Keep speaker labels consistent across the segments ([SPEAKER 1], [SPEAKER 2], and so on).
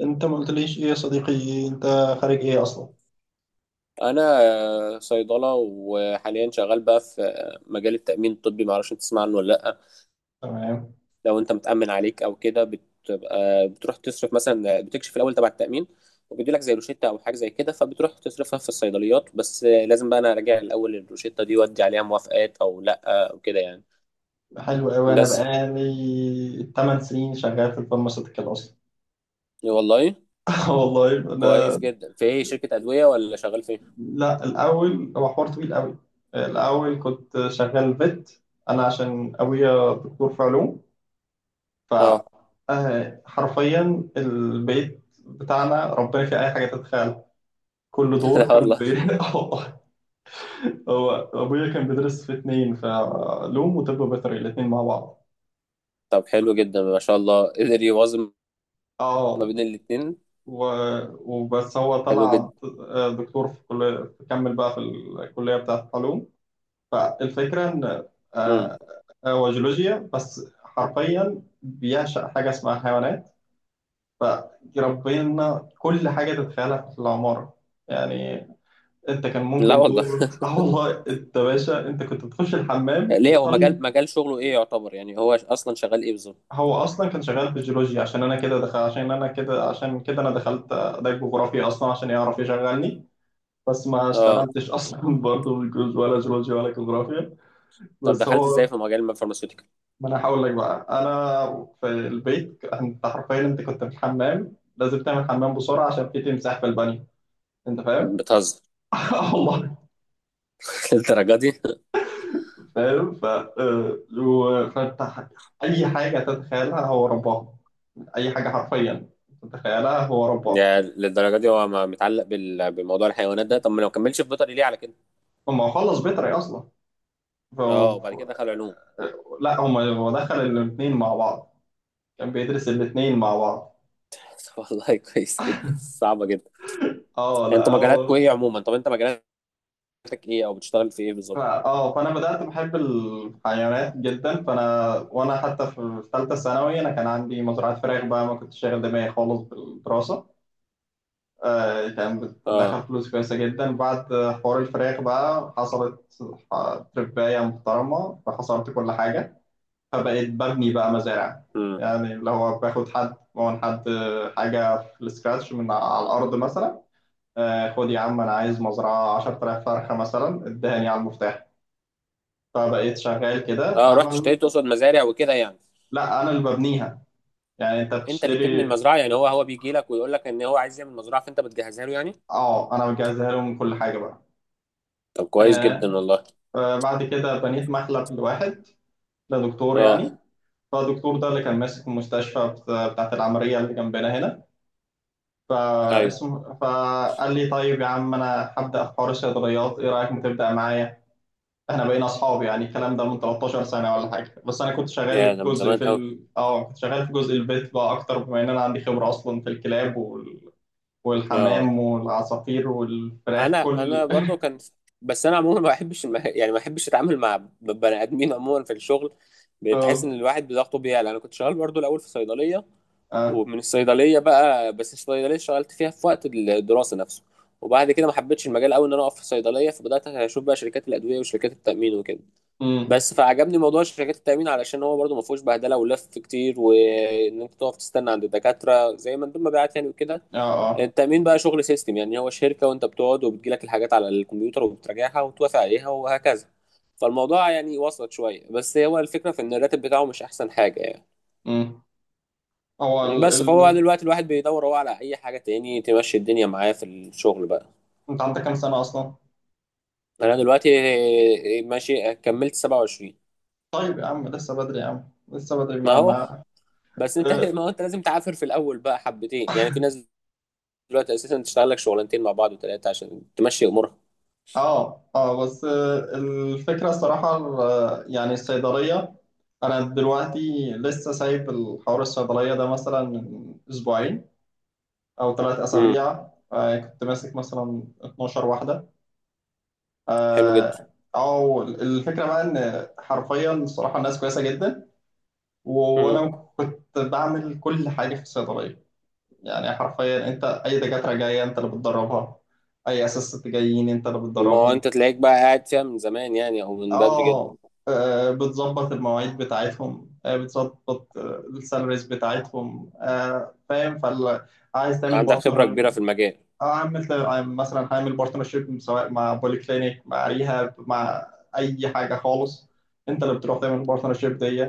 [SPEAKER 1] انت ما قلتليش ايه يا صديقي انت خارج ايه اصلا.
[SPEAKER 2] انا صيدله، وحاليا شغال بقى في مجال التامين الطبي. ما اعرفش انت تسمع عنه ولا لا؟
[SPEAKER 1] تمام.
[SPEAKER 2] لو انت متامن عليك او كده بتبقى بتروح تصرف، مثلا بتكشف الاول تبع التامين وبيدي لك زي روشته او حاجه زي كده، فبتروح تصرفها في الصيدليات، بس لازم بقى انا اراجع الاول الروشته دي وادي عليها موافقات او لا او كده يعني.
[SPEAKER 1] حلو قوي، انا
[SPEAKER 2] بس
[SPEAKER 1] بقالي 8 سنين شغال في الفارماسيوتيكال اصلا.
[SPEAKER 2] والله
[SPEAKER 1] آه والله
[SPEAKER 2] كويس
[SPEAKER 1] انا.
[SPEAKER 2] جدا. في ايه، شركه ادويه ولا شغال فين؟
[SPEAKER 1] لا، الاول هو حوار طويل قوي. الاول كنت شغال فيت، انا عشان ابويا دكتور في علوم،
[SPEAKER 2] اه،
[SPEAKER 1] فحرفيا البيت بتاعنا ربنا في اي حاجه تتخيل. كل دور
[SPEAKER 2] لا
[SPEAKER 1] كان
[SPEAKER 2] والله.
[SPEAKER 1] آه والله. هو ابويا كان بيدرس في 2، فعلوم وطب بيطري الاتنين مع بعض.
[SPEAKER 2] طب حلو جدا ما شاء الله، قدر يوازن ما
[SPEAKER 1] اه.
[SPEAKER 2] بين الاتنين.
[SPEAKER 1] و... وبس هو
[SPEAKER 2] حلو جدا.
[SPEAKER 1] طلع دكتور في كلية، كمل بقى في الكلية بتاعة العلوم. فالفكرة إن
[SPEAKER 2] امم.
[SPEAKER 1] آه، هو جيولوجيا، بس حرفيا بيعشق حاجة اسمها حيوانات، فربنا كل حاجة تتخيلها في العمارة. يعني انت كان
[SPEAKER 2] لا
[SPEAKER 1] ممكن
[SPEAKER 2] والله.
[SPEAKER 1] دور، اه والله، انت باشا، انت كنت بتخش الحمام
[SPEAKER 2] ليه، هو
[SPEAKER 1] بتخل.
[SPEAKER 2] مجال شغله ايه يعتبر؟ يعني هو اصلا شغال ايه بالظبط؟
[SPEAKER 1] هو اصلا كان شغال في الجيولوجيا، عشان انا كده دخل، عشان انا كده، عشان كده انا دخلت ده جغرافيا اصلا عشان يعرف يشغلني. بس ما
[SPEAKER 2] اه.
[SPEAKER 1] اشتغلتش اصلا برضه بالجيولوجي، ولا جيولوجيا ولا جغرافيا.
[SPEAKER 2] طب
[SPEAKER 1] بس
[SPEAKER 2] دخلت
[SPEAKER 1] هو،
[SPEAKER 2] ازاي في مجال الفارماسيوتيكال؟
[SPEAKER 1] ما انا هقول لك بقى، انا في البيت، انت حرفيا، انت كنت في الحمام لازم تعمل حمام بسرعه عشان في تمساح في البانيو. انت فاهم؟
[SPEAKER 2] بتهزر؟
[SPEAKER 1] آه والله.
[SPEAKER 2] للدرجه دي؟
[SPEAKER 1] فاهم، ف آه، و- فانت ح- اي حاجه تتخيلها هو رباها، اي حاجه حرفيا تتخيلها هو رباها.
[SPEAKER 2] يعني للدرجه دي هو متعلق بموضوع الحيوانات ده؟ طب ما لو كملش في بيطري، ليه على كده؟
[SPEAKER 1] هو خلص بيطري اصلا، ف...
[SPEAKER 2] اه،
[SPEAKER 1] ف-
[SPEAKER 2] وبعد كده دخل علوم.
[SPEAKER 1] لا، هو دخل الاثنين مع بعض، كان بيدرس الاثنين مع بعض.
[SPEAKER 2] طب والله كويس جدا، صعبه جدا.
[SPEAKER 1] اه لا
[SPEAKER 2] انت مجالاتكوا
[SPEAKER 1] هو.
[SPEAKER 2] ايه عموما؟ طب انت مجالاتك ايه، او بتشتغل في ايه
[SPEAKER 1] ف-
[SPEAKER 2] بالظبط؟
[SPEAKER 1] اه فانا بدات بحب الحيوانات جدا، فانا وانا حتى في ثالثه ثانوي انا كان عندي مزرعه فراخ بقى، ما كنتش شاغل دماغي خالص بالدراسه. آه كان
[SPEAKER 2] اه.
[SPEAKER 1] بتدخل فلوس كويسه جدا. بعد حوار الفراخ بقى حصلت تربايه محترمه، فحصرت كل حاجه، فبقيت ببني بقى مزارع.
[SPEAKER 2] امم.
[SPEAKER 1] يعني اللي هو باخد حد من حد حاجه في السكراتش من على الارض مثلا. آه خد يا عم، انا عايز مزرعه 10000 فرخه مثلا، ادهني على المفتاح. فبقيت شغال كده
[SPEAKER 2] اه، رحت
[SPEAKER 1] فعمل.
[SPEAKER 2] اشتريت، تقصد مزارع وكده يعني؟
[SPEAKER 1] لا انا اللي ببنيها. يعني انت
[SPEAKER 2] انت اللي بتبني
[SPEAKER 1] بتشتري.
[SPEAKER 2] المزرعه يعني؟ هو بيجي لك ويقول لك ان هو عايز يعمل مزرعه، فانت بتجهزها له يعني؟
[SPEAKER 1] اه، انا بجهزها لهم كل حاجه بقى.
[SPEAKER 2] طب كويس جدا
[SPEAKER 1] آه.
[SPEAKER 2] والله.
[SPEAKER 1] بعد كده بنيت مخلب لواحد، لدكتور
[SPEAKER 2] اه،
[SPEAKER 1] يعني. فالدكتور ده اللي كان ماسك المستشفى بتاعت العملية اللي جنبنا هنا.
[SPEAKER 2] ايوه،
[SPEAKER 1] فاسمه، فقال لي طيب يا عم أنا هبدأ في حوار الصيدليات، إيه رأيك ما تبدأ معايا؟ إحنا بقينا أصحاب يعني. الكلام ده من 13 سنة ولا حاجة. بس أنا كنت شغال
[SPEAKER 2] يا
[SPEAKER 1] في
[SPEAKER 2] ده من
[SPEAKER 1] جزء
[SPEAKER 2] زمان
[SPEAKER 1] في
[SPEAKER 2] قوي.
[SPEAKER 1] ال... أه كنت شغال في جزء البيت بقى أكتر، بما إن أنا عندي خبرة أصلا في الكلاب
[SPEAKER 2] اه،
[SPEAKER 1] والحمام والعصافير والفراخ
[SPEAKER 2] انا
[SPEAKER 1] كل.
[SPEAKER 2] برضو كان، بس انا عموما ما بحبش يعني ما بحبش اتعامل مع بني ادمين عموما في الشغل. بتحس ان
[SPEAKER 1] اه.
[SPEAKER 2] الواحد بضغطه بيعلى. انا كنت شغال برضو الاول في صيدليه،
[SPEAKER 1] اه.
[SPEAKER 2] ومن الصيدليه بقى، بس الصيدليه اشتغلت فيها في وقت الدراسه نفسه، وبعد كده ما حبيتش المجال قوي، ان انا اقف في صيدليه، فبدات اشوف بقى شركات الادويه وشركات التامين وكده.
[SPEAKER 1] امم.
[SPEAKER 2] بس فعجبني موضوع شركات التامين، علشان هو برضو ما فيهوش بهدله ولف كتير، وان انت تقف تستنى عند الدكاتره زي ما مندوب مبيعات يعني وكده.
[SPEAKER 1] اه. اه.
[SPEAKER 2] التأمين بقى شغل سيستم، يعني هو شركة، وانت بتقعد وبتجيلك الحاجات على الكمبيوتر وبتراجعها وتوافق عليها وهكذا. فالموضوع يعني وصلت شوية، بس هو الفكرة في ان الراتب بتاعه مش احسن حاجة يعني.
[SPEAKER 1] امم هو ال...
[SPEAKER 2] بس فهو بقى
[SPEAKER 1] ال...
[SPEAKER 2] دلوقتي الواحد بيدور هو على اي حاجة تاني تمشي الدنيا معاه في الشغل بقى.
[SPEAKER 1] انت عندك كام سنة اصلا؟
[SPEAKER 2] انا دلوقتي ماشي، كملت 27.
[SPEAKER 1] طيب يا عم لسه بدري، يا عم لسه بدري،
[SPEAKER 2] ما
[SPEAKER 1] ما
[SPEAKER 2] هو
[SPEAKER 1] ما
[SPEAKER 2] بس انت،
[SPEAKER 1] اه.
[SPEAKER 2] ما هو انت لازم تعافر في الاول بقى حبتين. يعني في ناس دلوقتي اساسا تشتغل لك شغلانتين مع بعض وثلاثة عشان تمشي امورها.
[SPEAKER 1] اه. آه، بس آه، الفكرة الصراحة، يعني الصيدلية، انا دلوقتي لسه سايب الحوار الصيدلية ده مثلا من أسبوعين او ثلاث
[SPEAKER 2] امم.
[SPEAKER 1] اسابيع كنت ماسك مثلا 12 واحدة.
[SPEAKER 2] حلو جدا.
[SPEAKER 1] اه. أو الفكره بقى ان حرفيا الصراحه الناس كويسه جدا، وانا كنت بعمل كل حاجه في الصيدليه. يعني حرفيا انت، اي دكاتره جايه انت اللي بتدربها، اي اساس جايين انت اللي
[SPEAKER 2] ما هو
[SPEAKER 1] بتدربهم.
[SPEAKER 2] انت تلاقيك بقى قاعد فيها من زمان يعني، او من بدري جدا.
[SPEAKER 1] اه. بتظبط المواعيد بتاعتهم، بتظبط السالاريز بتاعتهم، فاهم. فعايز تعمل
[SPEAKER 2] عندك خبرة
[SPEAKER 1] بارتنر.
[SPEAKER 2] كبيرة في المجال.
[SPEAKER 1] اه، عملت. مثلا هعمل بارتنرشيب سواء مع بولي كلينيك، مع ريهاب، مع اي حاجه خالص. انت اللي بتروح تعمل البارتنرشيب دي.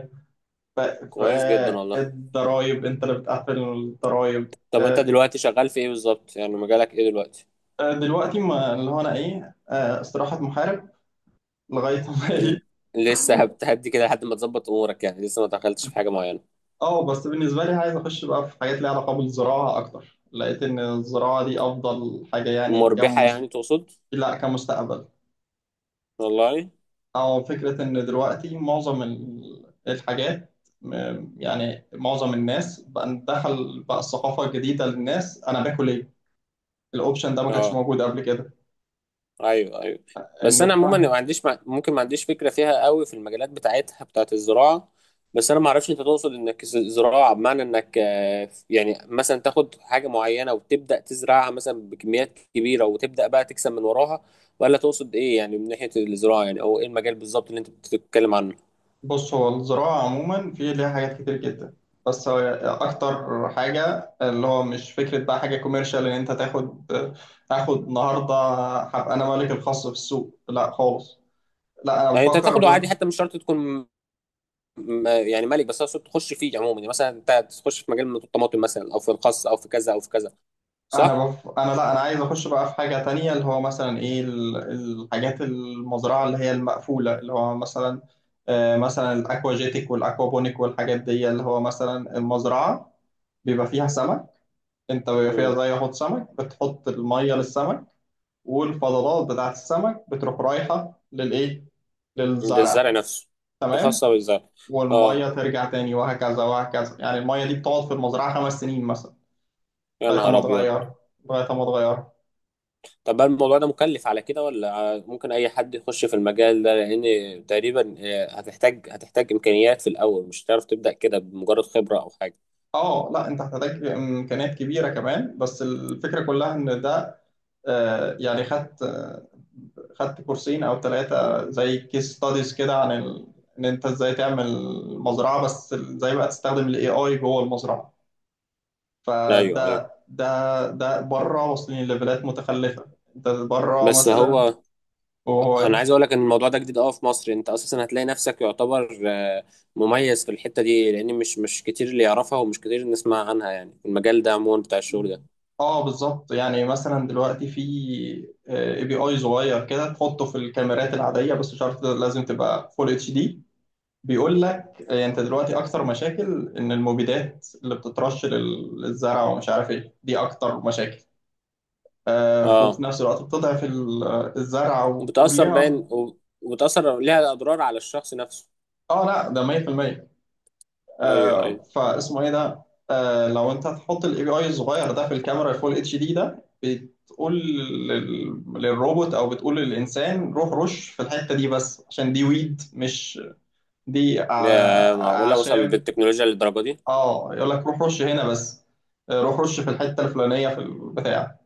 [SPEAKER 2] كويس جدا والله.
[SPEAKER 1] الضرايب انت اللي بتقفل الضرايب،
[SPEAKER 2] طب انت دلوقتي شغال في ايه بالظبط؟ يعني مجالك ايه دلوقتي؟
[SPEAKER 1] دلوقتي ما اللي هو انا ايه، استراحه محارب لغايه ما
[SPEAKER 2] ل-
[SPEAKER 1] ايه.
[SPEAKER 2] لسه هتهدي كده لحد ما تظبط امورك يعني؟ لسه ما دخلتش في حاجة معينة؟
[SPEAKER 1] اه، بس بالنسبه لي عايز اخش بقى في حاجات ليها علاقه بالزراعه اكتر. لقيت ان الزراعه دي افضل حاجه يعني
[SPEAKER 2] مربحة يعني تقصد؟
[SPEAKER 1] لا، كمستقبل.
[SPEAKER 2] والله.
[SPEAKER 1] أو فكرة إن دلوقتي معظم الحاجات، يعني معظم الناس بقى، دخل بقى الثقافة الجديدة للناس، أنا باكل إيه؟ الأوبشن ده ما كانش
[SPEAKER 2] اه،
[SPEAKER 1] موجود قبل كده.
[SPEAKER 2] ايوه ايوه. بس
[SPEAKER 1] إن
[SPEAKER 2] انا
[SPEAKER 1] ف-
[SPEAKER 2] عموما ما عنديش ممكن ما عنديش فكره فيها قوي في المجالات بتاعتها، بتاعت الزراعه. بس انا ما اعرفش انت تقصد انك زراعه بمعنى انك يعني مثلا تاخد حاجه معينه وتبدا تزرعها مثلا بكميات كبيره وتبدا بقى تكسب من وراها؟ ولا تقصد ايه يعني من ناحيه الزراعه يعني؟ او ايه المجال بالظبط اللي انت بتتكلم عنه؟
[SPEAKER 1] بص، هو الزراعة عموما في ليها حاجات كتير جدا، بس هو أكتر حاجة اللي هو مش فكرة بقى حاجة كوميرشال إن أنت تاخد النهاردة، هبقى أنا مالك الخاص في السوق، لا خالص، لا أنا
[SPEAKER 2] يعني انت
[SPEAKER 1] بفكر.
[SPEAKER 2] تاخده عادي، حتى مش شرط تكون يعني ملك، بس اقصد تخش فيه عموما يعني. مثلا انت تخش في مجال من الطماطم مثلا، او في الخس، او في كذا او في كذا، صح؟
[SPEAKER 1] انا بف... انا لا انا عايز اخش بقى في حاجه تانية اللي هو مثلا ايه، الحاجات المزرعه اللي هي المقفوله، اللي هو مثلا، آه مثلا الاكواجيتك والاكوابونيك والحاجات دي، اللي هو مثلا المزرعه بيبقى فيها سمك. انت بيبقى فيها زي حوض سمك، بتحط الميه للسمك، والفضلات بتاعت السمك بتروح رايحه للايه، للزرع.
[SPEAKER 2] للزرع نفسه.
[SPEAKER 1] تمام.
[SPEAKER 2] خاصة بالزرع. اه،
[SPEAKER 1] والميه ترجع تاني وهكذا وهكذا. يعني الميه دي بتقعد في المزرعه 5 سنين مثلا
[SPEAKER 2] يا
[SPEAKER 1] لغايه
[SPEAKER 2] نهار
[SPEAKER 1] ما
[SPEAKER 2] ابيض.
[SPEAKER 1] تغير، لغايه ما تغير.
[SPEAKER 2] طب هل الموضوع ده مكلف على كده، ولا ممكن اي حد يخش في المجال ده؟ لان تقريبا هتحتاج، هتحتاج امكانيات في الاول، مش هتعرف تبدا كده بمجرد خبرة او حاجة.
[SPEAKER 1] اه لا، انت هتحتاج امكانيات كبيره كمان، بس الفكره كلها ان ده، يعني خدت، خدت كورسين او 3 زي كيس ستاديز كده عن ان انت ازاي تعمل مزرعه، بس ازاي بقى تستخدم الاي اي جوه المزرعه. فده
[SPEAKER 2] ايوه ايوه.
[SPEAKER 1] ده ده بره، واصلين لليفلات متخلفه. انت بره
[SPEAKER 2] بس
[SPEAKER 1] مثلا.
[SPEAKER 2] هو انا
[SPEAKER 1] وهو،
[SPEAKER 2] عايز اقول لك ان الموضوع ده جديد اه في مصر. انت اساسا هتلاقي نفسك يعتبر مميز في الحتة دي، لان مش كتير اللي يعرفها، ومش كتير نسمع عنها يعني في المجال ده عموما بتاع الشغل ده.
[SPEAKER 1] اه بالظبط. يعني مثلا دلوقتي في اي بي اي صغير كده تحطه في الكاميرات العاديه، بس مش عارف لازم تبقى فول اتش دي. بيقول لك انت دلوقتي اكتر مشاكل ان المبيدات اللي بتترش للزرع ومش عارف ايه، دي اكتر مشاكل. وفي
[SPEAKER 2] اه.
[SPEAKER 1] نفس الوقت بتضعف الزرع
[SPEAKER 2] وبتأثر باين،
[SPEAKER 1] وكلها.
[SPEAKER 2] وبتأثر ليها اضرار على الشخص نفسه.
[SPEAKER 1] اه لا ده 100%.
[SPEAKER 2] ايوه ايوه.
[SPEAKER 1] فاسمه ايه ده. لو انت هتحط الاي بي اي الصغير ده في الكاميرا فول اتش دي، ده بتقول للروبوت او بتقول للانسان روح رش في الحتة دي، بس عشان دي ويد، مش دي
[SPEAKER 2] يا معقولة، وصل
[SPEAKER 1] اعشاب.
[SPEAKER 2] بالتكنولوجيا للدرجة دي؟
[SPEAKER 1] اه يقول لك روح رش هنا بس، روح رش في الحته الفلانيه في البتاع.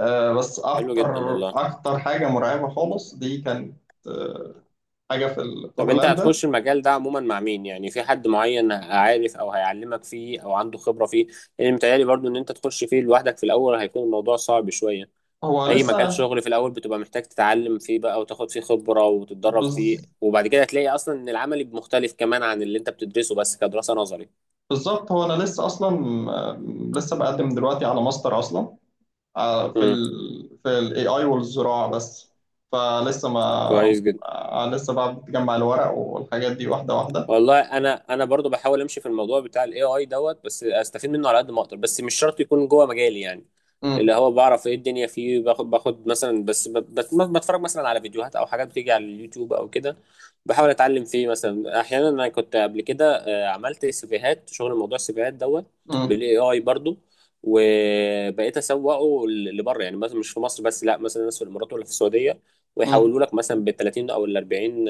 [SPEAKER 1] آه، بس
[SPEAKER 2] حلو
[SPEAKER 1] اكتر
[SPEAKER 2] جدا والله.
[SPEAKER 1] اكتر حاجه مرعبه خالص دي كانت، آه، حاجه في
[SPEAKER 2] طب انت
[SPEAKER 1] هولندا.
[SPEAKER 2] هتخش المجال ده عموما مع مين؟ يعني في حد معين عارف او هيعلمك فيه او عنده خبرة فيه؟ لان متهيألي برضو ان انت تخش فيه لوحدك في الاول هيكون الموضوع صعب شوية.
[SPEAKER 1] هو
[SPEAKER 2] اي مجال
[SPEAKER 1] لسه
[SPEAKER 2] شغل في الاول بتبقى محتاج تتعلم فيه بقى، وتاخد فيه خبرة، وتتدرب فيه،
[SPEAKER 1] بز-
[SPEAKER 2] وبعد كده هتلاقي اصلا ان العملي مختلف كمان عن اللي انت بتدرسه بس كدراسة نظري.
[SPEAKER 1] بالظبط. هو انا لسه اصلا، آه، لسه بقدم دلوقتي على ماستر اصلا، في
[SPEAKER 2] امم.
[SPEAKER 1] ال في الاي اي والزراعه بس. فلسه ما
[SPEAKER 2] كويس جدا
[SPEAKER 1] لسه بقى بتجمع الورق والحاجات دي واحده واحده.
[SPEAKER 2] والله. انا برضو بحاول امشي في الموضوع بتاع الاي اي دوت، بس استفيد منه على قد ما اقدر، بس مش شرط يكون جوه مجالي يعني.
[SPEAKER 1] امم.
[SPEAKER 2] اللي هو بعرف ايه الدنيا فيه، باخد مثلا، بس بتفرج مثلا على فيديوهات او حاجات بتيجي على اليوتيوب او كده. بحاول اتعلم فيه مثلا. احيانا انا كنت قبل كده عملت سيفيهات، شغل موضوع السيفيهات دوت
[SPEAKER 1] امم.
[SPEAKER 2] بالاي اي برضو، وبقيت اسوقه لبره. يعني مثلا مش في مصر بس، لا مثلا ناس في الامارات ولا في السعوديه، ويحولوا
[SPEAKER 1] امم.
[SPEAKER 2] لك مثلا ب 30 او ال 40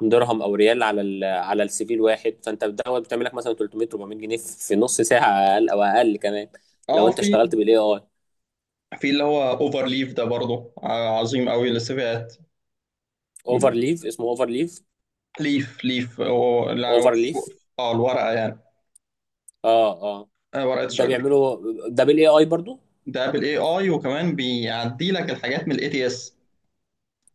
[SPEAKER 2] درهم او ريال على على السي في الواحد. فانت دوت بتعمل لك مثلا 300 400 جنيه في نص ساعه، اقل او اقل كمان، لو
[SPEAKER 1] اه.
[SPEAKER 2] انت
[SPEAKER 1] في.
[SPEAKER 2] اشتغلت بالاي اي.
[SPEAKER 1] في اللي هو اوفر ليف ده برضه عظيم قوي للسيفيات.
[SPEAKER 2] اوفر ليف، اسمه اوفر ليف.
[SPEAKER 1] ليف ليف هو لو
[SPEAKER 2] اوفر ليف.
[SPEAKER 1] اه، الورقه يعني،
[SPEAKER 2] اه اه.
[SPEAKER 1] ورقه
[SPEAKER 2] ده
[SPEAKER 1] الشجر.
[SPEAKER 2] بيعمله، ده بالاي اي برضو.
[SPEAKER 1] ده بالاي اي، وكمان بيعدي لك الحاجات من الاي تي اس.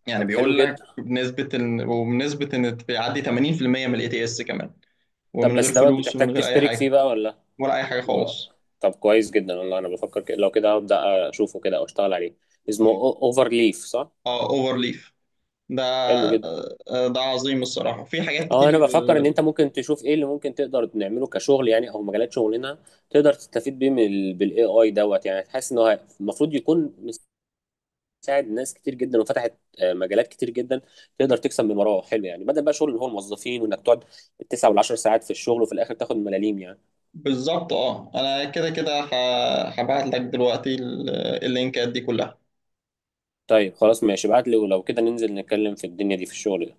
[SPEAKER 1] يعني
[SPEAKER 2] طب حلو
[SPEAKER 1] بيقول لك
[SPEAKER 2] جدا.
[SPEAKER 1] بنسبه ان وبنسبه ان بيعدي 80% من الاي تي اس كمان،
[SPEAKER 2] طب
[SPEAKER 1] ومن غير
[SPEAKER 2] بس دوت
[SPEAKER 1] فلوس ومن
[SPEAKER 2] بتحتاج
[SPEAKER 1] غير اي
[SPEAKER 2] تشترك فيه
[SPEAKER 1] حاجه.
[SPEAKER 2] بقى ولا؟
[SPEAKER 1] ولا اي حاجه خالص.
[SPEAKER 2] طب كويس جدا والله، انا بفكر كده، لو كده هبدا اشوفه كده او اشتغل عليه. اسمه اوفر ليف، صح؟
[SPEAKER 1] اه اوفر ليف. ده
[SPEAKER 2] حلو جدا.
[SPEAKER 1] آه، آه، ده عظيم الصراحه، في حاجات
[SPEAKER 2] اه انا
[SPEAKER 1] كتير.
[SPEAKER 2] بفكر ان انت ممكن تشوف ايه اللي ممكن تقدر نعمله كشغل، يعني او مجالات شغلنا تقدر تستفيد بيه من بالاي اي دوت. يعني حاسس ان هو المفروض يكون مساعد ناس كتير جدا، وفتحت مجالات كتير جدا تقدر تكسب من وراه حلو، يعني بدل بقى شغل اللي هو الموظفين، وانك تقعد التسع والعشر ساعات في الشغل وفي الاخر تاخد ملاليم يعني.
[SPEAKER 1] بالظبط. اه انا كده كده هبعت لك دلوقتي اللينكات دي كلها.
[SPEAKER 2] طيب خلاص ماشي، ابعت لي، ولو كده ننزل نتكلم في الدنيا دي في الشغل.